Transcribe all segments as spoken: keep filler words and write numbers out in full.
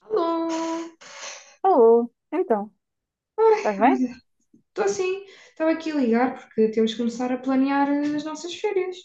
Alô! Alô, então, estás bem? Olha, estou assim, estava aqui a ligar porque temos que começar a planear as nossas férias.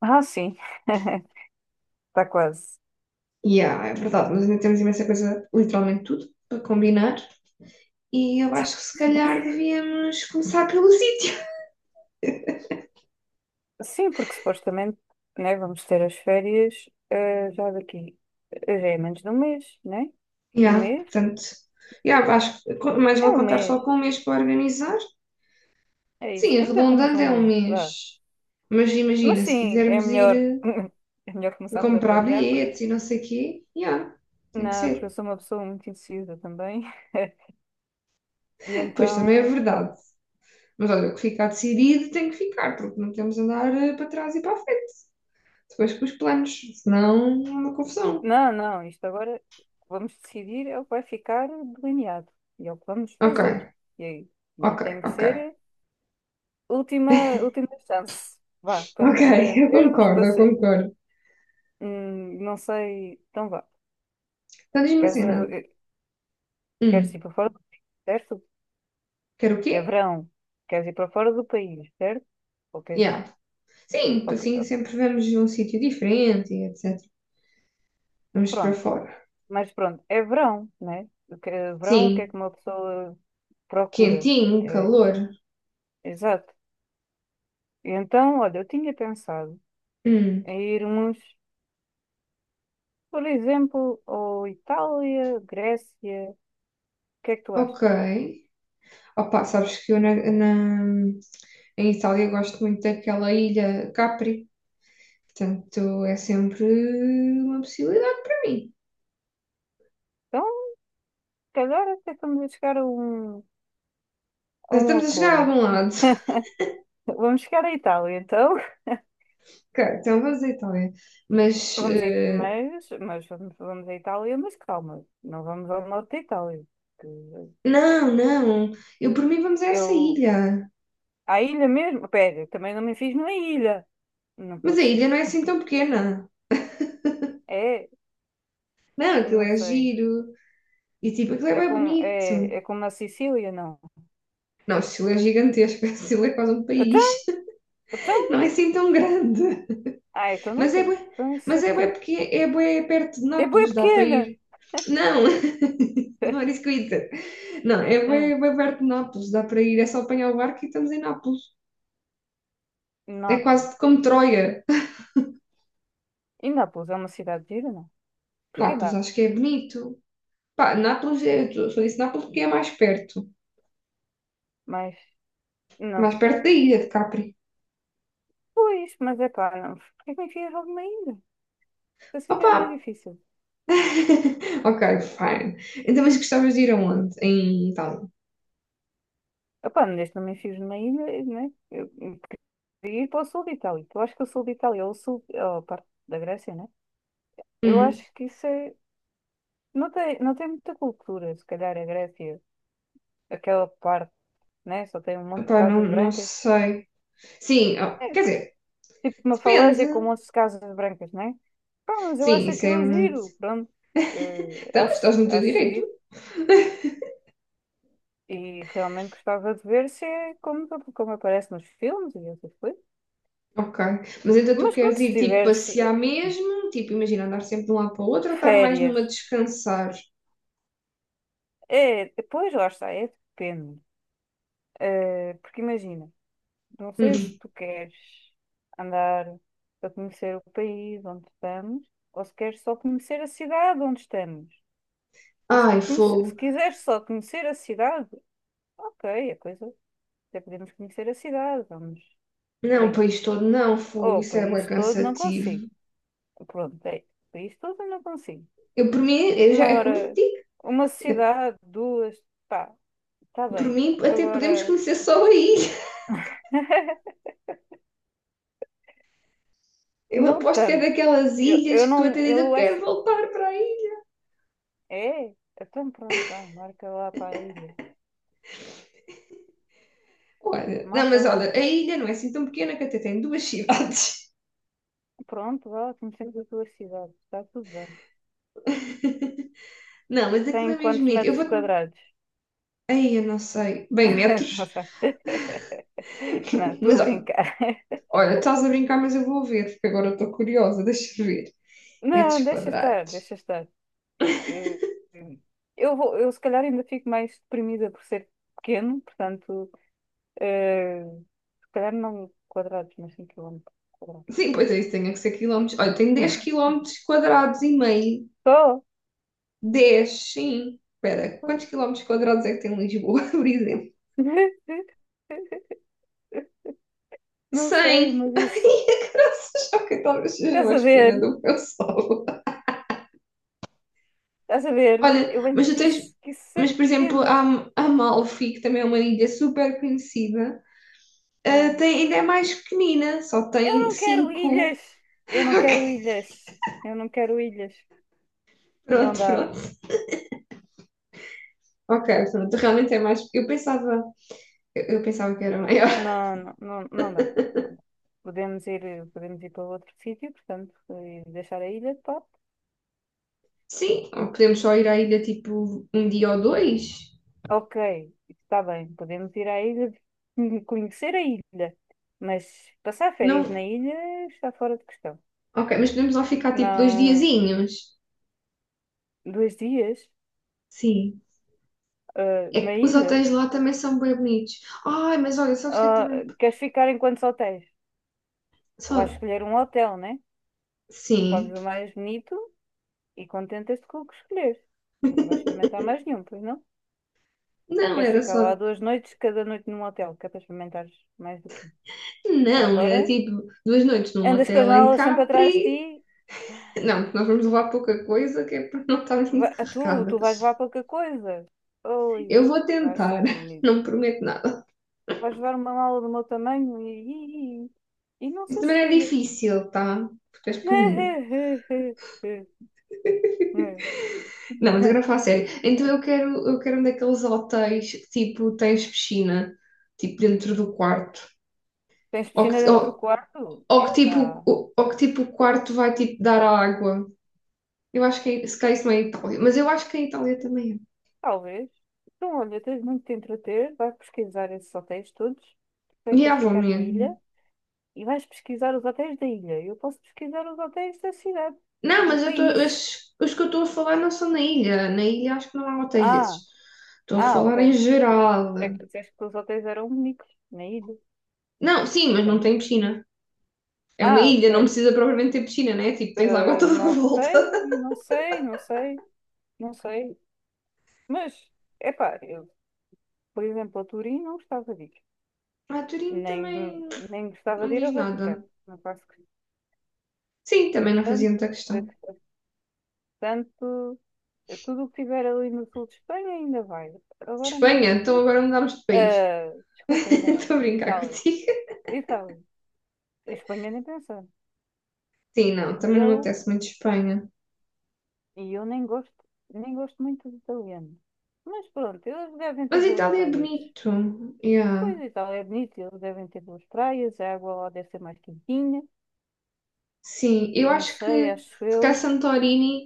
Ah, sim, está quase. Yeah, é verdade, mas ainda temos imensa coisa, literalmente tudo, para combinar. E eu acho que se calhar devíamos começar pelo sítio. Sim, porque supostamente, né, vamos ter as férias, eh, já daqui, eh, já é menos de um mês, né? Um Yeah, mês? portanto, yeah, acho que co- mais É vale um contar mês, só com um mês para organizar. é isso, Sim, ainda temos arredondando um é um mês, vá. mês. Mas Mas imagina, se sim, é quisermos ir melhor, eh, é melhor a começarmos a comprar planear, bilhetes porque, e não sei o quê, yeah, tem que não, porque eu ser. sou uma pessoa muito indecisa também, e Pois também é então, pronto. verdade. Mas olha, o que ficar decidido tem que ficar, porque não podemos andar eh, para trás e para a frente. Depois com os planos, senão é uma confusão. Não, não, isto agora vamos decidir é o que vai ficar delineado e é o que vamos Ok, fazer. E aí, e ok, tem que ok. ser última, última chance. Vá, para Ok, nos eu entendermos, concordo, para eu ser, concordo. hum, não sei, então vá. Então diz-me Queres, assim, não? eh, queres Hum, ir para fora do país, certo? quer o quê? É verão. Queres ir para fora do país, certo? Ou queres ir- Yeah. Sim, ok. assim sempre vamos a um sítio diferente e etcétera. Vamos para Pronto. fora. Mas pronto, é verão, né? O que- Verão, o que é Sim, que uma pessoa procura? quentinho, É, calor. exato. Então, olha, eu tinha pensado Hum, a irmos, por exemplo, ao Itália, Grécia. O que é que tu achas? ok. Opa, sabes que eu na, na- em Itália gosto muito daquela ilha Capri. Portanto, é sempre uma possibilidade para mim. Então, se calhar até estamos a chegar a um, a Já um estamos a chegar a acordo. algum lado. Vamos chegar à Itália, então. Ok, então vamos à Itália. Mas, Vamos a, It- eh, mas, mas vamos, vamos à Itália, mas calma, não vamos ao norte da Itália. Que não, não. Eu por mim vamos a essa Eu, ilha. à ilha mesmo? Pera, também não me fiz numa ilha. Não Mas a pode ilha ser. não é assim tão pequena. É, Não, aquilo não é sei. giro. E tipo, aquilo é É bem como, é, é bonito. como na Sicília, não. Não, Chile é gigantesco. Chile é quase um Então, país. então, Não é assim tão grande. ah, então não Mas é quero. bué, Então isso é mas é bué pequeno. porque é bué perto de É bué Nápoles, dá para pequena! ir. Não, não é isso que eu ia dizer. Não, é Hum, bem, bem perto de Nápoles, dá para ir, é só apanhar o barco e estamos em Nápoles. É Nápoles. quase como Troia. E Nápoles é uma cidade gira, não? Porque Nápoles dá, acho que é bonito. Pá, Nápoles, é- eu só disse Nápoles porque é mais perto. mas não Mais perto da sei. ilha de Capri. Pois, mas é pá, não. Porquê que me enfias logo numa ilha? Assim já é mais Opa! difícil. Ok, fine. Então, mas gostavas de ir aonde? Em Itália? Epá, não deixe-me enfios numa ilha, né? Eu eu queria ir para o sul de Itália. Eu acho que o sul de Itália, ou o sul, ou a parte da Grécia, né? Eu Hum, acho que isso é. Não tem, não tem muita cultura, se calhar a Grécia, aquela parte, né? Só tem um monte de opá, não, casas não brancas. sei. Sim, ó, É quer que- dizer, tipo uma falésia com um depende. monte de casas brancas, né? Pá, mas eu Sim, acho isso é aquilo muito. giro, pronto. Eh, Então, mas acho, estás no teu acho direito. giro. E realmente gostava de ver se é como, como aparece nos filmes e essas coisas. Ok. Mas então tu Mas queres pronto, se ir tipo tiveres passear eh, mesmo? Tipo, imagina andar sempre de um lado para o outro ou estar mais férias, numa descansar? é, depois lá está, é depende. Eh, porque imagina, não sei se Hum. tu queres andar a conhecer o país onde estamos, ou se queres só conhecer a cidade onde estamos. Porque se, Ai, conhece- se fogo. quiseres só conhecer a cidade, ok, a coisa. Até podemos conhecer a cidade, vamos. Por Não, o aí. país todo não, fogo. Ou o Isso é bem país todo não consigo. cansativo. Pronto, é. O país todo não consigo. Eu, por mim, eu já, Uma é como eu te hora, digo. uma é- sociedade, duas, pá, está por bem. mim, até podemos Agora, conhecer só aí. Eu não aposto que é tanto. daquelas Eu, ilhas eu que tu até não, dizes, eu eu quero acho. voltar para aí. É, então pronto, vá, marca lá para a ilha. Olha, não, Marca mas lá. olha, a ilha não é assim tão pequena que até tem duas cidades. Pronto, vá, conhecemos a tua cidade. Está tudo bem. Não, mas aquilo é Tem mesmo quantos bonito. Eu metros vou-te. quadrados? Ai, eu não sei. Bem, Não metros. sei. Não, estou Mas a brincar. olha, estás a brincar, mas eu vou ver, porque agora estou curiosa, deixa eu ver. Metros Não, deixa estar, quadrados. deixa estar. eh, eu vou, eu se calhar ainda fico mais deprimida por ser pequeno, portanto, eh, se calhar não quadrados, mas cinco quilómetros quadrados. Sim, pois é isso, tem que ser quilómetros. Olha, tem dez quilómetros quadrados e meio. Só? Dez, sim. Espera, Pois. quantos quilómetros quadrados é que tem Lisboa, por exemplo? Não sei, Cem. mas isso. Ai, graças a que talvez seja Estás a mais ver? pequena do que eu sou. Estás a ver? Olha, Eu bem mas tu te tens... disse que isso é Mas, por exemplo, pequeno. a Am- Amalfi, que também é uma ilha super conhecida, ah, Ah. tem, ainda é mais pequenina, só Eu tem não quero cinco. ilhas! Eu não quero ilhas! Eu não quero ilhas! Não Pronto, dá. pronto. Ok, pronto, realmente é mais. Eu pensava, eu, eu pensava que era maior. Não, não, não, não dá. Podemos ir, podemos ir para outro sítio, portanto, e deixar a ilha de pá. Sim, ou podemos só ir à ilha tipo um dia ou dois? Ok, está bem. Podemos ir à ilha, conhecer a ilha, mas passar férias Não, na ilha está fora de questão. ok, mas podemos lá ficar tipo dois Não, diazinhos. dois dias, Sim. ah, É na que os ilha. hotéis lá também são bem bonitos. Ai, mas olha, sabes o que é que Ah, também. queres ficar em quantos hotéis? Vais Só. escolher um hotel, né? Escolhes Sim. o mais bonito e contentas-te com o que escolheres. Não vais experimentar mais nenhum, pois não? Ou Não, queres era ficar lá só. duas noites, cada noite num hotel, que é para experimentares mais do que um. Já Não, era agora, tipo duas noites num andas com as hotel em malas sempre atrás de ti. Capri. Não, porque nós vamos levar pouca coisa que é para não estarmos Va- muito a tu, tu vais carregadas. levar qualquer coisa. Oi, Eu vou vai ser tentar, bonito. não prometo nada. Vais levar uma mala do meu tamanho e, e, e não Isso sei se também é chega. difícil, tá? Porque és pequenina. Não, mas agora falo a sério. Então eu quero, eu quero um daqueles hotéis que tipo tens piscina, tipo dentro do quarto. Tens Ou piscina que, ou, dentro do quarto? ou É, que tipo, dá. ou, ou que tipo o quarto vai tipo dar à água. Eu acho que é- se calhar isso não é em Itália, mas eu acho que em Itália também Talvez. Então, olha, tens muito de te entreter. Vais pesquisar esses hotéis todos. Tu é. é que E ah, queres vou ficar na ilha mesmo. e vais pesquisar os hotéis da ilha. Eu posso pesquisar os hotéis da cidade, Não, do mas eu tô, país. os, os que eu estou a falar não são na ilha. Na ilha acho que não há hotéis Ah! desses. Estou a Ah, ok. falar em geral. É que disseste que os hotéis eram únicos na ilha. Não, sim, mas não Portanto. tem piscina. É uma Ah, ilha, ok. não precisa propriamente ter piscina, né? Tipo, tens água Eh, toda a Não volta. sei, não sei, não sei, não sei. Mas, epá, eu, por exemplo, a Turim não gostava de ir. Ah, Turim Nem, também nem gostava não de me ir diz ao Vaticano. nada. Não faço Sim, também não fazia questão. muita questão. Portanto, eh, tudo o que tiver ali no sul de Espanha ainda vai. Agora mais Espanha, do que então isso. agora mudámos de país. Ah, desculpa, enganei. Estou a brincar Itália. contigo. Itália. Espanha nem pensar. Sim, não, E também não me eu apetece muito Espanha. E eu nem gosto, nem gosto muito de italiano. Mas pronto, eles devem ter Mas boas Itália é praias. bonito. Pois Yeah. Itália é bonito, eles devem ter boas praias, a água lá deve ser mais quentinha. Sim, eu Não acho sei, que acho se calhar eu. Santorini.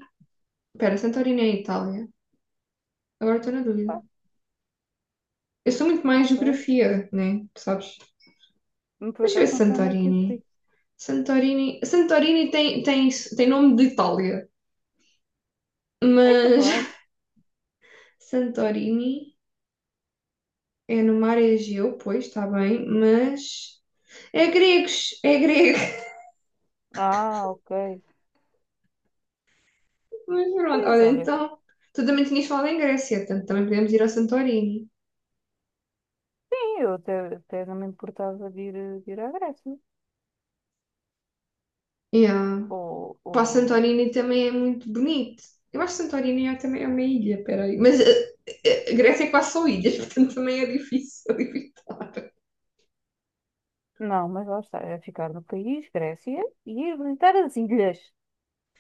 Espera, Santorini é Itália. Agora estou na dúvida. Pá, Eu sou muito não mais sei. geografia, né? Tu sabes? Por Deixa eu ver acaso se não sei onde é que isso Santorini. fica. Santorini. Santorini tem, tem, tem nome de Itália. É Mas capaz. Santorini é no mar é Egeu, pois está bem, mas é gregos, é grego. Ah, ok. Mas pronto, Pois olha, olha, então tu também tinhas falado em Grécia, portanto também podemos ir ao Santorini. sim, eu até, até não me importava de ir, eh, de ir à Grécia. Yeah. Ou, Pá, ou... Santorini também é muito bonito. Eu acho que Santorini é, também é uma ilha, peraí. Mas eh, eh, eh, Grécia é quase só ilhas, portanto também é difícil evitar. Não, mas lá está, é ficar no país, Grécia, e ir visitar as ilhas.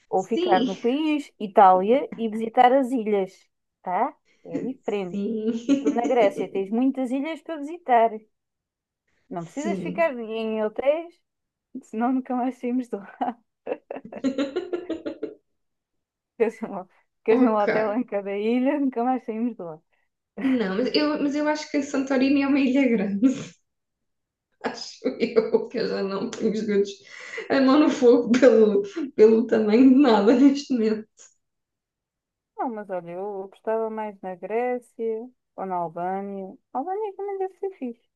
Ou ficar Sim, no país, Itália, e visitar as ilhas, tá? É diferente. E tu sim, na Grécia tens muitas ilhas para visitar. Não precisas sim. ficar em hotéis, senão nunca mais saímos de lá. Ficas num ficas num Ok. hotel em cada ilha, nunca mais saímos de lá. Não, mas eu, mas eu acho que Santorini é uma ilha grande. Acho eu, que eu já não tenho os dedos a mão no fogo pelo, pelo tamanho de nada neste momento. Não, mas olha, eu gostava mais na Grécia ou na Albânia. A Albânia também deve ser fixe.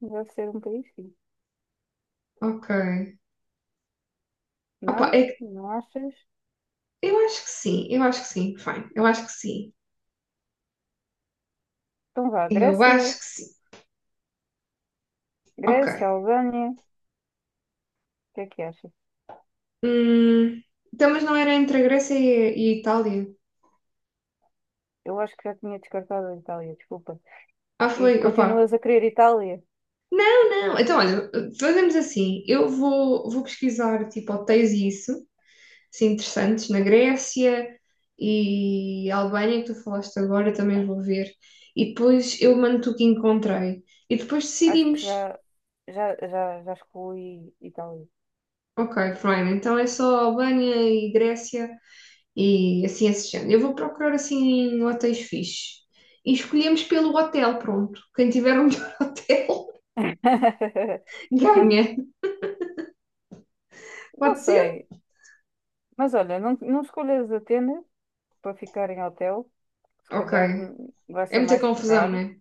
Deve ser um país fixe. Ok. Opa, Não? é que- Não achas? eu acho que sim, eu acho que sim, fine, eu acho que sim, Então vá, eu Grécia, acho que sim. Ok. Grécia, Albânia. O que é que achas? Hum, então, mas não era entre a Grécia e, e a Itália? Eu acho que já tinha descartado a Itália, desculpa. Ah, E foi, opa. continuas a querer Itália? Não, então olha, fazemos assim, eu vou, vou pesquisar tipo hotéis e isso. Assim, interessantes na Grécia e a Albânia, que tu falaste agora, também vou ver. E depois eu mando-te o que encontrei. E depois Acho que decidimos. já, já, já, já excluí Itália. Ok, Brian, então é só Albânia e Grécia e assim esse género. Eu vou procurar assim hotéis fixes. E escolhemos pelo hotel, pronto. Quem tiver um hotel ganha. Não Pode ser? sei. Mas olha, não, não escolhas Atenas para ficar em hotel. Se Ok. calhar hum, vai É ser muita mais confusão, caro né?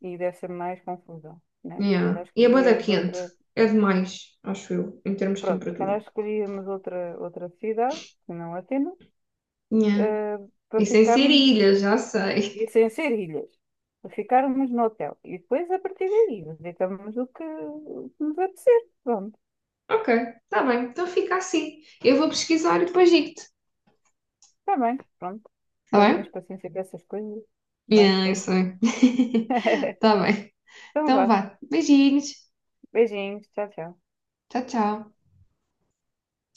e deve ser mais confusão, né? Se calhar Yeah. E a bada escolhias quente. outra... É demais, acho eu, em termos de Pronto, se calhar temperatura. escolhíamos outra, outra cidade, que não Atenas, Yeah. eh, para Isso é em ficarmos Serilha, já sei. e sem ser ilhas, ficarmos no hotel. E depois, a partir daí, visitamos o que o que nos apetecer. Pronto, Ok, tá bem, então fica assim. Eu vou pesquisar e depois digo-te, está bem, pronto. tá Espero que tens bem? paciência com essas coisas. Vai, Yeah, eu força. sei. Tá bem. Então Então vá. vá. Beijinhos. Beijinhos. Tchau, tchau. Tchau, tchau.